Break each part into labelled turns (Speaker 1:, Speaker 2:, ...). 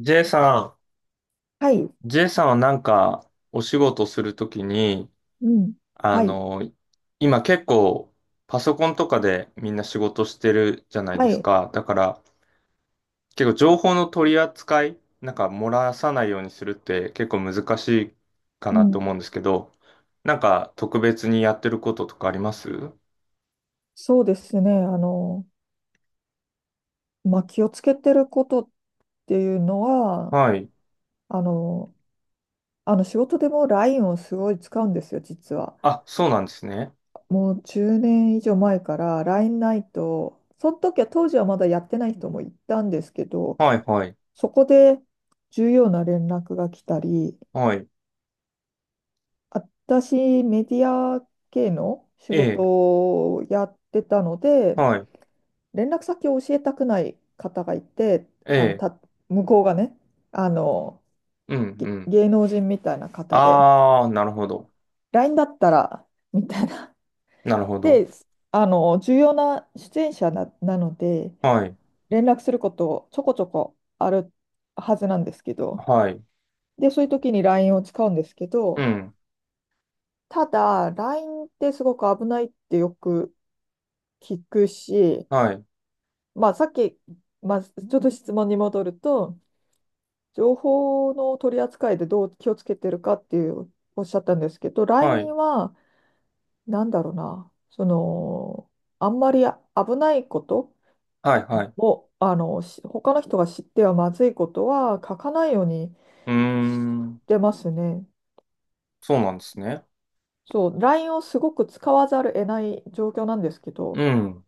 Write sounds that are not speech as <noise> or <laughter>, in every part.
Speaker 1: J さ
Speaker 2: はい、
Speaker 1: ん、J さんはなんかお仕事するときに、
Speaker 2: うん。
Speaker 1: あ
Speaker 2: はい、
Speaker 1: の、今結構パソコンとかでみんな仕事してるじゃないで
Speaker 2: は
Speaker 1: す
Speaker 2: い。
Speaker 1: か。だから結構情報の取り扱い、なんか漏らさないようにするって結構難しいか
Speaker 2: う
Speaker 1: なと
Speaker 2: ん。
Speaker 1: 思うんですけど、なんか特別にやってることとかあります。
Speaker 2: そうですね。まあ、気をつけてることっていうのは、
Speaker 1: はい。
Speaker 2: あの、仕事でも LINE をすごい使うんですよ、実は。
Speaker 1: あ、そうなんですね。
Speaker 2: もう10年以上前から LINE ないと、その時は当時はまだやってない人もいたんですけど、
Speaker 1: はいはい。
Speaker 2: そこで重要な連絡が来たり、
Speaker 1: はい。
Speaker 2: 私、メディア系の仕
Speaker 1: え
Speaker 2: 事
Speaker 1: え、
Speaker 2: をやってたので、
Speaker 1: はい。
Speaker 2: 連絡先を教えたくない方がいて、
Speaker 1: え
Speaker 2: あの
Speaker 1: え、
Speaker 2: た向こうがね、あの
Speaker 1: うん
Speaker 2: げ
Speaker 1: うん。
Speaker 2: 芸能人みたいな方で、
Speaker 1: あー、なるほど。
Speaker 2: LINE だったらみたいな。
Speaker 1: なるほど。
Speaker 2: で、重要な出演者なので、
Speaker 1: はい
Speaker 2: 連絡することちょこちょこあるはずなんですけど、
Speaker 1: はい。
Speaker 2: で、そういう時に LINE を使うんですけ
Speaker 1: う
Speaker 2: ど、
Speaker 1: ん。
Speaker 2: ただ、LINE ってすごく危ないってよく聞くし、
Speaker 1: はい。
Speaker 2: まあ、さっき、まあ、ちょっと質問に戻ると、情報の取り扱いでどう気をつけてるかっていうおっしゃったんですけど、LINE
Speaker 1: は
Speaker 2: に
Speaker 1: い。
Speaker 2: は、なんだろうな、その、あんまり危ないこと
Speaker 1: はい。はい。う
Speaker 2: を、他の人が知ってはまずいことは書かないように
Speaker 1: ー
Speaker 2: し
Speaker 1: ん。
Speaker 2: てますね。
Speaker 1: そうなんですね。
Speaker 2: そう、LINE をすごく使わざるを得ない状況なんですけ
Speaker 1: う
Speaker 2: ど、
Speaker 1: ん。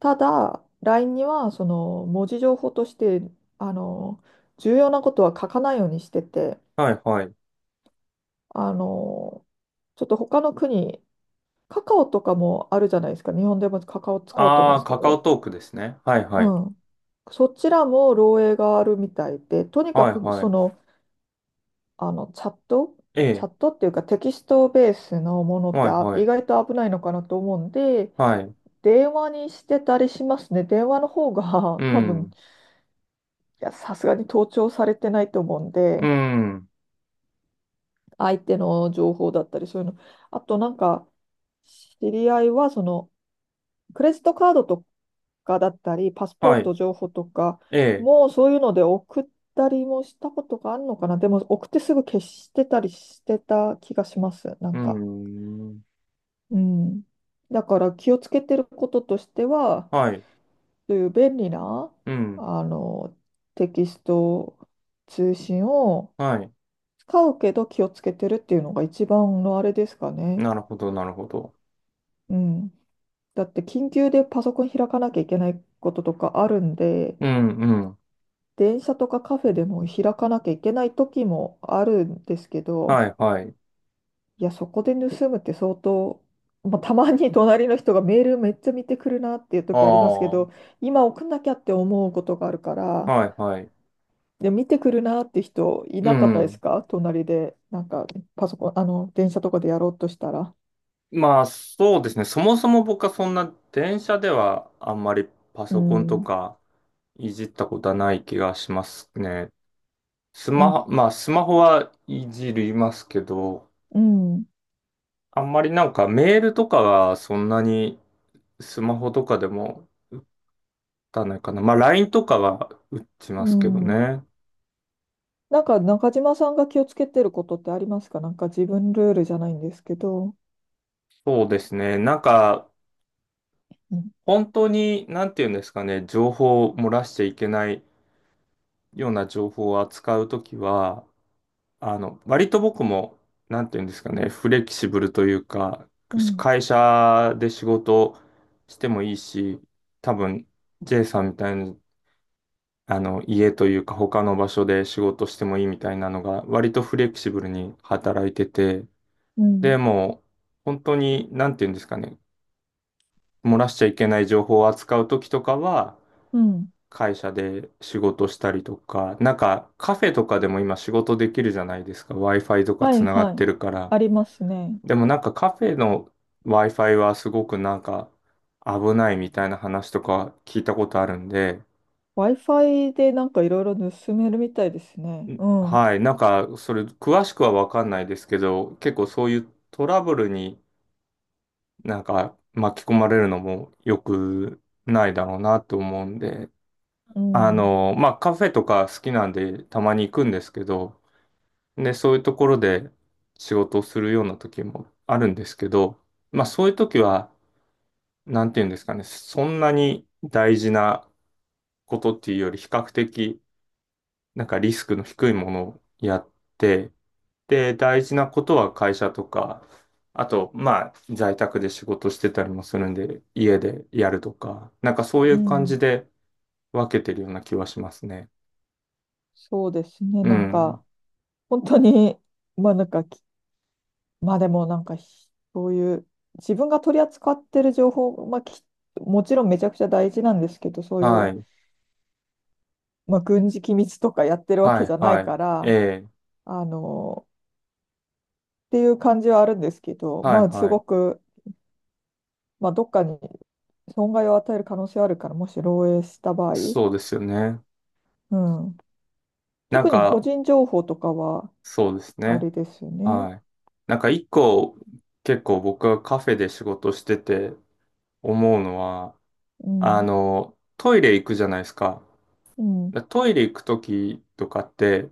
Speaker 2: ただ、LINE には、その、文字情報として、あの、重要なことは書かないようにしてて、
Speaker 1: はい。はい。
Speaker 2: あの、ちょっと他の国カカオとかもあるじゃないですか。日本でもカカオ使おうと思う
Speaker 1: あ
Speaker 2: んで
Speaker 1: あ、
Speaker 2: すけ
Speaker 1: カカオ
Speaker 2: ど。
Speaker 1: トークですね。はい。はい。
Speaker 2: うん。そちらも漏洩があるみたいで、とにか
Speaker 1: はい。
Speaker 2: く
Speaker 1: は
Speaker 2: そ
Speaker 1: い。
Speaker 2: の、チャット、
Speaker 1: ええ。
Speaker 2: っていうかテキストベースのものっ
Speaker 1: は
Speaker 2: て
Speaker 1: い。は
Speaker 2: 意
Speaker 1: い。
Speaker 2: 外と危ないのかなと思うんで、
Speaker 1: はい。
Speaker 2: 電話にしてたりしますね。電話の方が
Speaker 1: う
Speaker 2: <laughs> 多分、
Speaker 1: ん。
Speaker 2: いや、さすがに盗聴されてないと思うん
Speaker 1: う
Speaker 2: で、
Speaker 1: ん。
Speaker 2: 相手の情報だったりそういうの。あとなんか、知り合いはそのクレジットカードとかだったり、パスポ
Speaker 1: は
Speaker 2: ー
Speaker 1: い。
Speaker 2: ト情報とか、
Speaker 1: ええ。
Speaker 2: もうそういうので送ったりもしたことがあるのかな。でも送ってすぐ消してたりしてた気がします。な
Speaker 1: うー
Speaker 2: んか。
Speaker 1: ん。
Speaker 2: うん。だから気をつけてることとしては、
Speaker 1: はい。
Speaker 2: そういう便利な、
Speaker 1: うん。
Speaker 2: あの、テキスト通信を
Speaker 1: はい。
Speaker 2: 使うけど気をつけてるっていうのが一番のあれですかね。
Speaker 1: なるほど。なるほど。
Speaker 2: うん。だって緊急でパソコン開かなきゃいけないこととかあるんで、
Speaker 1: うん。うん。
Speaker 2: 電車とかカフェでも開かなきゃいけない時もあるんですけ
Speaker 1: は
Speaker 2: ど、
Speaker 1: い。はい。
Speaker 2: いや、そこで盗むって相当、まあ、たまに隣の人がメールめっちゃ見てくるなっていう
Speaker 1: あ
Speaker 2: 時ありますけ
Speaker 1: あ。は
Speaker 2: ど、今送んなきゃって思うことがあるか
Speaker 1: い。
Speaker 2: ら、
Speaker 1: はい。
Speaker 2: で、見てくるなって人い
Speaker 1: う
Speaker 2: なかったで
Speaker 1: ん。
Speaker 2: すか隣で、なんかパソコン、電車とかでやろうとしたら。
Speaker 1: まあそうですね。そもそも僕はそんな電車ではあんまりパ
Speaker 2: う
Speaker 1: ソコン
Speaker 2: ん、
Speaker 1: と
Speaker 2: う
Speaker 1: かいじったことはない気がしますね。
Speaker 2: ん、
Speaker 1: まあスマホはいじりますけど、
Speaker 2: うん、
Speaker 1: あんまりなんかメールとかはそんなにスマホとかでも打たないかな。まあ LINE とかは打ち
Speaker 2: う
Speaker 1: ますけど
Speaker 2: ん。
Speaker 1: ね。
Speaker 2: なんか中島さんが気をつけてることってありますか？なんか自分ルールじゃないんですけど。
Speaker 1: そうですね。なんか
Speaker 2: うん、
Speaker 1: 本当になんていうんですかね、情報を漏らしちゃいけないような情報を扱うときは、割と僕も、なんていうんですかね、フレキシブルというか、
Speaker 2: うん。
Speaker 1: 会社で仕事してもいいし、多分、J さんみたいに、家というか他の場所で仕事してもいいみたいなのが、割とフレキシブルに働いてて、
Speaker 2: う
Speaker 1: で
Speaker 2: ん
Speaker 1: も、本当に、なんていうんですかね、漏らしちゃいけない情報を扱う時とかは、
Speaker 2: うん。
Speaker 1: 会社で仕事したりとか、なんかカフェとかでも今仕事できるじゃないですか。Wi-Fi とか
Speaker 2: は
Speaker 1: つ
Speaker 2: い
Speaker 1: なが
Speaker 2: は
Speaker 1: って
Speaker 2: い。
Speaker 1: るから。
Speaker 2: ありますね。
Speaker 1: でもなんかカフェの Wi-Fi はすごくなんか危ないみたいな話とか聞いたことあるんで、
Speaker 2: Wi-Fi でなんかいろいろ盗めるみたいですね。うん。う
Speaker 1: はい、なんかそれ詳しくはわかんないですけど、結構そういうトラブルになんか巻き込まれるのも良くないだろうなと思うんで、
Speaker 2: ん。
Speaker 1: まあカフェとか好きなんでたまに行くんですけど、でそういうところで仕事をするような時もあるんですけど、まあそういう時は、なんていうんですかね、そんなに大事なことっていうより比較的なんかリスクの低いものをやって、で、大事なことは会社とか、あと、まあ、在宅で仕事してたりもするんで、家でやるとか、なんかそうい
Speaker 2: う
Speaker 1: う感じ
Speaker 2: ん。
Speaker 1: で分けてるような気はしますね。
Speaker 2: そうですね。
Speaker 1: う
Speaker 2: なんか、
Speaker 1: ん。
Speaker 2: 本当に、<laughs> まあなんかき、まあでもなんかひ、そういう、自分が取り扱ってる情報、まあき、もちろんめちゃくちゃ大事なんですけど、そうい
Speaker 1: は
Speaker 2: う、
Speaker 1: い。
Speaker 2: まあ軍事機密とかやってるわ
Speaker 1: は
Speaker 2: けじ
Speaker 1: い、
Speaker 2: ゃな
Speaker 1: は
Speaker 2: い
Speaker 1: い。
Speaker 2: か
Speaker 1: え
Speaker 2: ら、
Speaker 1: え。
Speaker 2: あの、っていう感じはあるんですけど、
Speaker 1: は
Speaker 2: ま
Speaker 1: い、
Speaker 2: あす
Speaker 1: は
Speaker 2: ご
Speaker 1: い。
Speaker 2: く、まあ、どっかに損害を与える可能性はあるから、もし漏洩した場合、
Speaker 1: そうですよね。
Speaker 2: うん、
Speaker 1: なん
Speaker 2: 特に個
Speaker 1: か、
Speaker 2: 人情報とかは、
Speaker 1: そうです
Speaker 2: あ
Speaker 1: ね。
Speaker 2: れですよね。
Speaker 1: はい。なんか一個、結構僕はカフェで仕事してて思うのは、
Speaker 2: うん、
Speaker 1: トイレ行くじゃないですか。
Speaker 2: うん、
Speaker 1: でトイレ行くときとかって、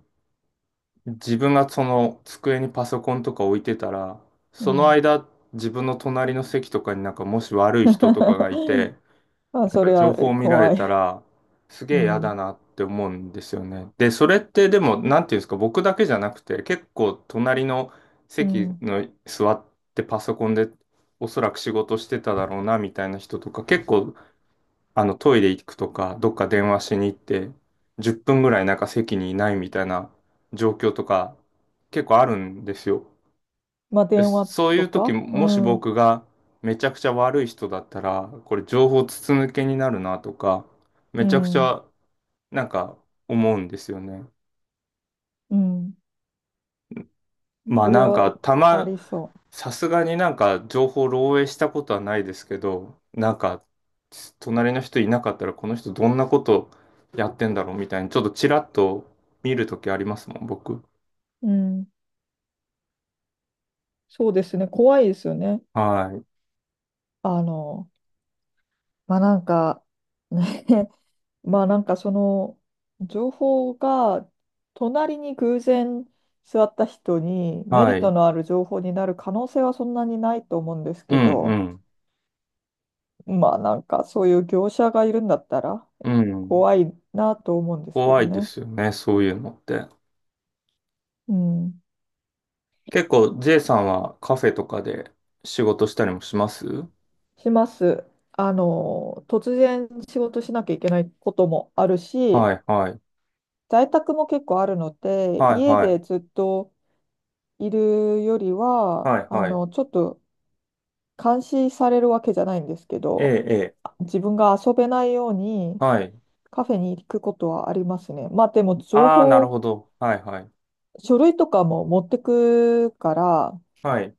Speaker 1: 自分がその机にパソコンとか置いてたら、
Speaker 2: う
Speaker 1: その
Speaker 2: ん。
Speaker 1: 間、自分の隣の席とかになんかもし悪い人とかがいて、
Speaker 2: <laughs> まあ、
Speaker 1: なん
Speaker 2: そ
Speaker 1: か
Speaker 2: れ
Speaker 1: 情
Speaker 2: は
Speaker 1: 報を見られ
Speaker 2: 怖
Speaker 1: た
Speaker 2: い。
Speaker 1: ら、す
Speaker 2: う
Speaker 1: げえ嫌だ
Speaker 2: ん、
Speaker 1: なって思うんですよね。で、それってでも、なんていうんですか、僕だけじゃなくて、結構隣の
Speaker 2: う
Speaker 1: 席
Speaker 2: ん。
Speaker 1: の座ってパソコンでおそらく仕事してただろうなみたいな人とか結構トイレ行くとか、どっか電話しに行って、10分ぐらいなんか席にいないみたいな状況とか、結構あるんですよ。
Speaker 2: まあ、
Speaker 1: で、
Speaker 2: 電話
Speaker 1: そうい
Speaker 2: と
Speaker 1: う時、
Speaker 2: か、う
Speaker 1: もし
Speaker 2: ん、う
Speaker 1: 僕がめちゃくちゃ悪い人だったら、これ情報筒抜けになるなとか、め
Speaker 2: ん、
Speaker 1: ちゃくちゃなんか思うんですよね。
Speaker 2: うん。
Speaker 1: まあ
Speaker 2: それ
Speaker 1: なんか、
Speaker 2: は
Speaker 1: た
Speaker 2: あ
Speaker 1: ま
Speaker 2: りそ
Speaker 1: さすがになんか情報漏洩したことはないですけど、なんか隣の人いなかったらこの人どんなことやってんだろうみたいにちょっとちらっと見るときありますもん、僕。
Speaker 2: う。うん。そうですね。怖いですよね。
Speaker 1: はい。
Speaker 2: あの、まあ、なんか、ねまあなんかその情報が隣に偶然座った人にメリ
Speaker 1: は
Speaker 2: ット
Speaker 1: い。
Speaker 2: のある情報になる可能性はそんなにないと思うんです
Speaker 1: う
Speaker 2: けど、
Speaker 1: ん
Speaker 2: まあなんかそういう業者がいるんだったら
Speaker 1: うん。うん。
Speaker 2: 怖いなと思うんですけ
Speaker 1: 怖
Speaker 2: ど
Speaker 1: いで
Speaker 2: ね。
Speaker 1: すよね、そういうのって。
Speaker 2: うん、
Speaker 1: 結構 J さんはカフェとかで仕事したりもします。
Speaker 2: します。突然仕事しなきゃいけないこともあるし、
Speaker 1: はいはい。
Speaker 2: 在宅も結構あるので、
Speaker 1: はい
Speaker 2: 家
Speaker 1: は
Speaker 2: でず
Speaker 1: い。
Speaker 2: っといるよりは、
Speaker 1: はいはい。
Speaker 2: ちょっと監視されるわけじゃないんですけ
Speaker 1: ええ、
Speaker 2: ど、
Speaker 1: ええ。
Speaker 2: 自分が遊べないように
Speaker 1: はい。
Speaker 2: カフェに行くことはありますね。まあでも情
Speaker 1: ああ、なる
Speaker 2: 報、
Speaker 1: ほど。はいはい。
Speaker 2: 書類とかも持ってくから、
Speaker 1: はい。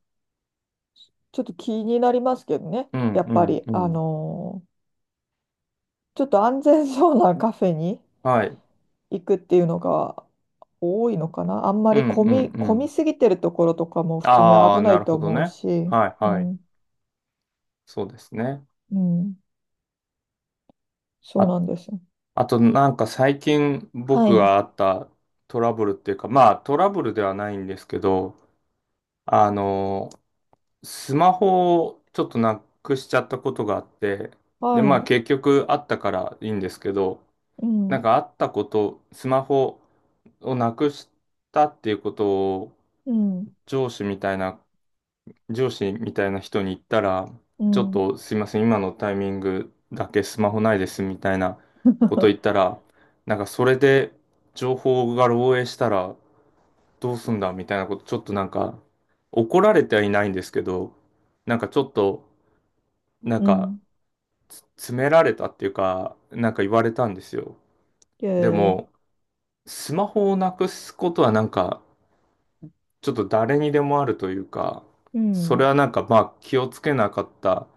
Speaker 2: ちょっと気になりますけどね。
Speaker 1: うん
Speaker 2: やっ
Speaker 1: う
Speaker 2: ぱ
Speaker 1: ん
Speaker 2: り、
Speaker 1: うん。
Speaker 2: ちょっと安全そうなカフェに
Speaker 1: はい。
Speaker 2: 行くっていうのが多いのかな。あんま
Speaker 1: うん
Speaker 2: り
Speaker 1: うんう
Speaker 2: 混み
Speaker 1: ん。
Speaker 2: すぎてるところとかも普通に
Speaker 1: ああ、
Speaker 2: 危な
Speaker 1: な
Speaker 2: い
Speaker 1: る
Speaker 2: と
Speaker 1: ほど
Speaker 2: 思う
Speaker 1: ね。
Speaker 2: し、
Speaker 1: はい
Speaker 2: う
Speaker 1: はい。
Speaker 2: ん、
Speaker 1: そうですね。
Speaker 2: うん、そう
Speaker 1: あ、
Speaker 2: なんです。
Speaker 1: あとなんか最近
Speaker 2: は
Speaker 1: 僕
Speaker 2: い、
Speaker 1: があったトラブルっていうか、まあトラブルではないんですけど、あの、スマホをちょっとなくしちゃったことがあって、で、
Speaker 2: は
Speaker 1: まあ
Speaker 2: い、
Speaker 1: 結局あったからいいんですけど、
Speaker 2: う
Speaker 1: なん
Speaker 2: ん、
Speaker 1: かあったこと、スマホをなくしたっていうことを
Speaker 2: うん、
Speaker 1: 上司みたいな上司みたいな人に言ったら、
Speaker 2: う
Speaker 1: ちょっ
Speaker 2: ん。
Speaker 1: とすいません、今のタイミングだけスマホないですみたいなこと言っ
Speaker 2: <laughs>
Speaker 1: たら、なんかそれで情報が漏洩したらどうすんだみたいなこと、ちょっとなんか怒られてはいないんですけど、なんかちょっと、なん
Speaker 2: う
Speaker 1: か
Speaker 2: ん。
Speaker 1: 詰められたっていうか、なんか言われたんですよ。で
Speaker 2: で、
Speaker 1: も、スマホをなくすことはなんか、ちょっと誰にでもあるというか、
Speaker 2: う
Speaker 1: それ
Speaker 2: ん。
Speaker 1: はなんかまあ気をつけなかった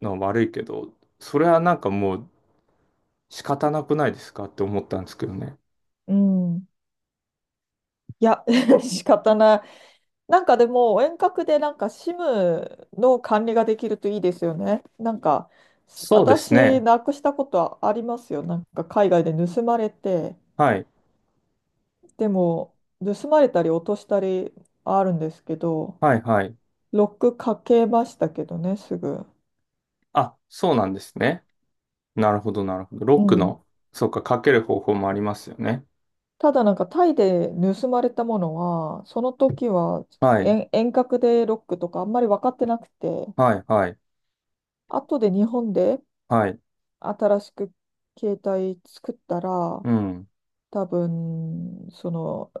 Speaker 1: のは悪いけど、それはなんかもう仕方なくないですかって思ったんですけどね。
Speaker 2: うん。いや、<laughs> 仕方ない。なんかでも、遠隔でなんか SIM の管理ができるといいですよね。なんか、
Speaker 1: そうです
Speaker 2: 私、
Speaker 1: ね。
Speaker 2: なくしたことはありますよ。なんか海外で盗まれて、
Speaker 1: はい。
Speaker 2: でも、盗まれたり落としたりあるんですけど、
Speaker 1: はいはい。
Speaker 2: ロックかけましたけどね、すぐ。
Speaker 1: あ、そうなんですね。なるほどなるほど。ロ
Speaker 2: う
Speaker 1: ック
Speaker 2: ん。
Speaker 1: の、そうか、かける方法もありますよね。
Speaker 2: ただなんかタイで盗まれたものは、その時は
Speaker 1: はい。
Speaker 2: 遠隔でロックとかあんまり分かってなくて、
Speaker 1: はいはい
Speaker 2: 後で日本で
Speaker 1: はい。
Speaker 2: 新しく携帯作ったら、
Speaker 1: うん。
Speaker 2: 多分、その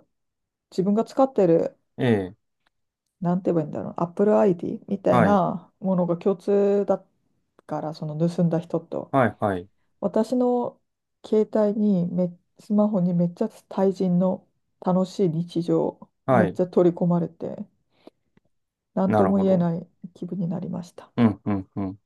Speaker 2: 自分が使ってる、
Speaker 1: ええ。
Speaker 2: なんて言えばいいんだろう、Apple ID みたい
Speaker 1: はい。
Speaker 2: なものが共通だから、その盗んだ人と。
Speaker 1: はいはい。
Speaker 2: 私の携帯にめ、スマホにめっちゃ対人の楽しい日常、め
Speaker 1: は
Speaker 2: っ
Speaker 1: い。
Speaker 2: ちゃ取り込まれて。何
Speaker 1: な
Speaker 2: と
Speaker 1: る
Speaker 2: も
Speaker 1: ほ
Speaker 2: 言え
Speaker 1: ど。
Speaker 2: ない気分になりました。
Speaker 1: うんうんうん。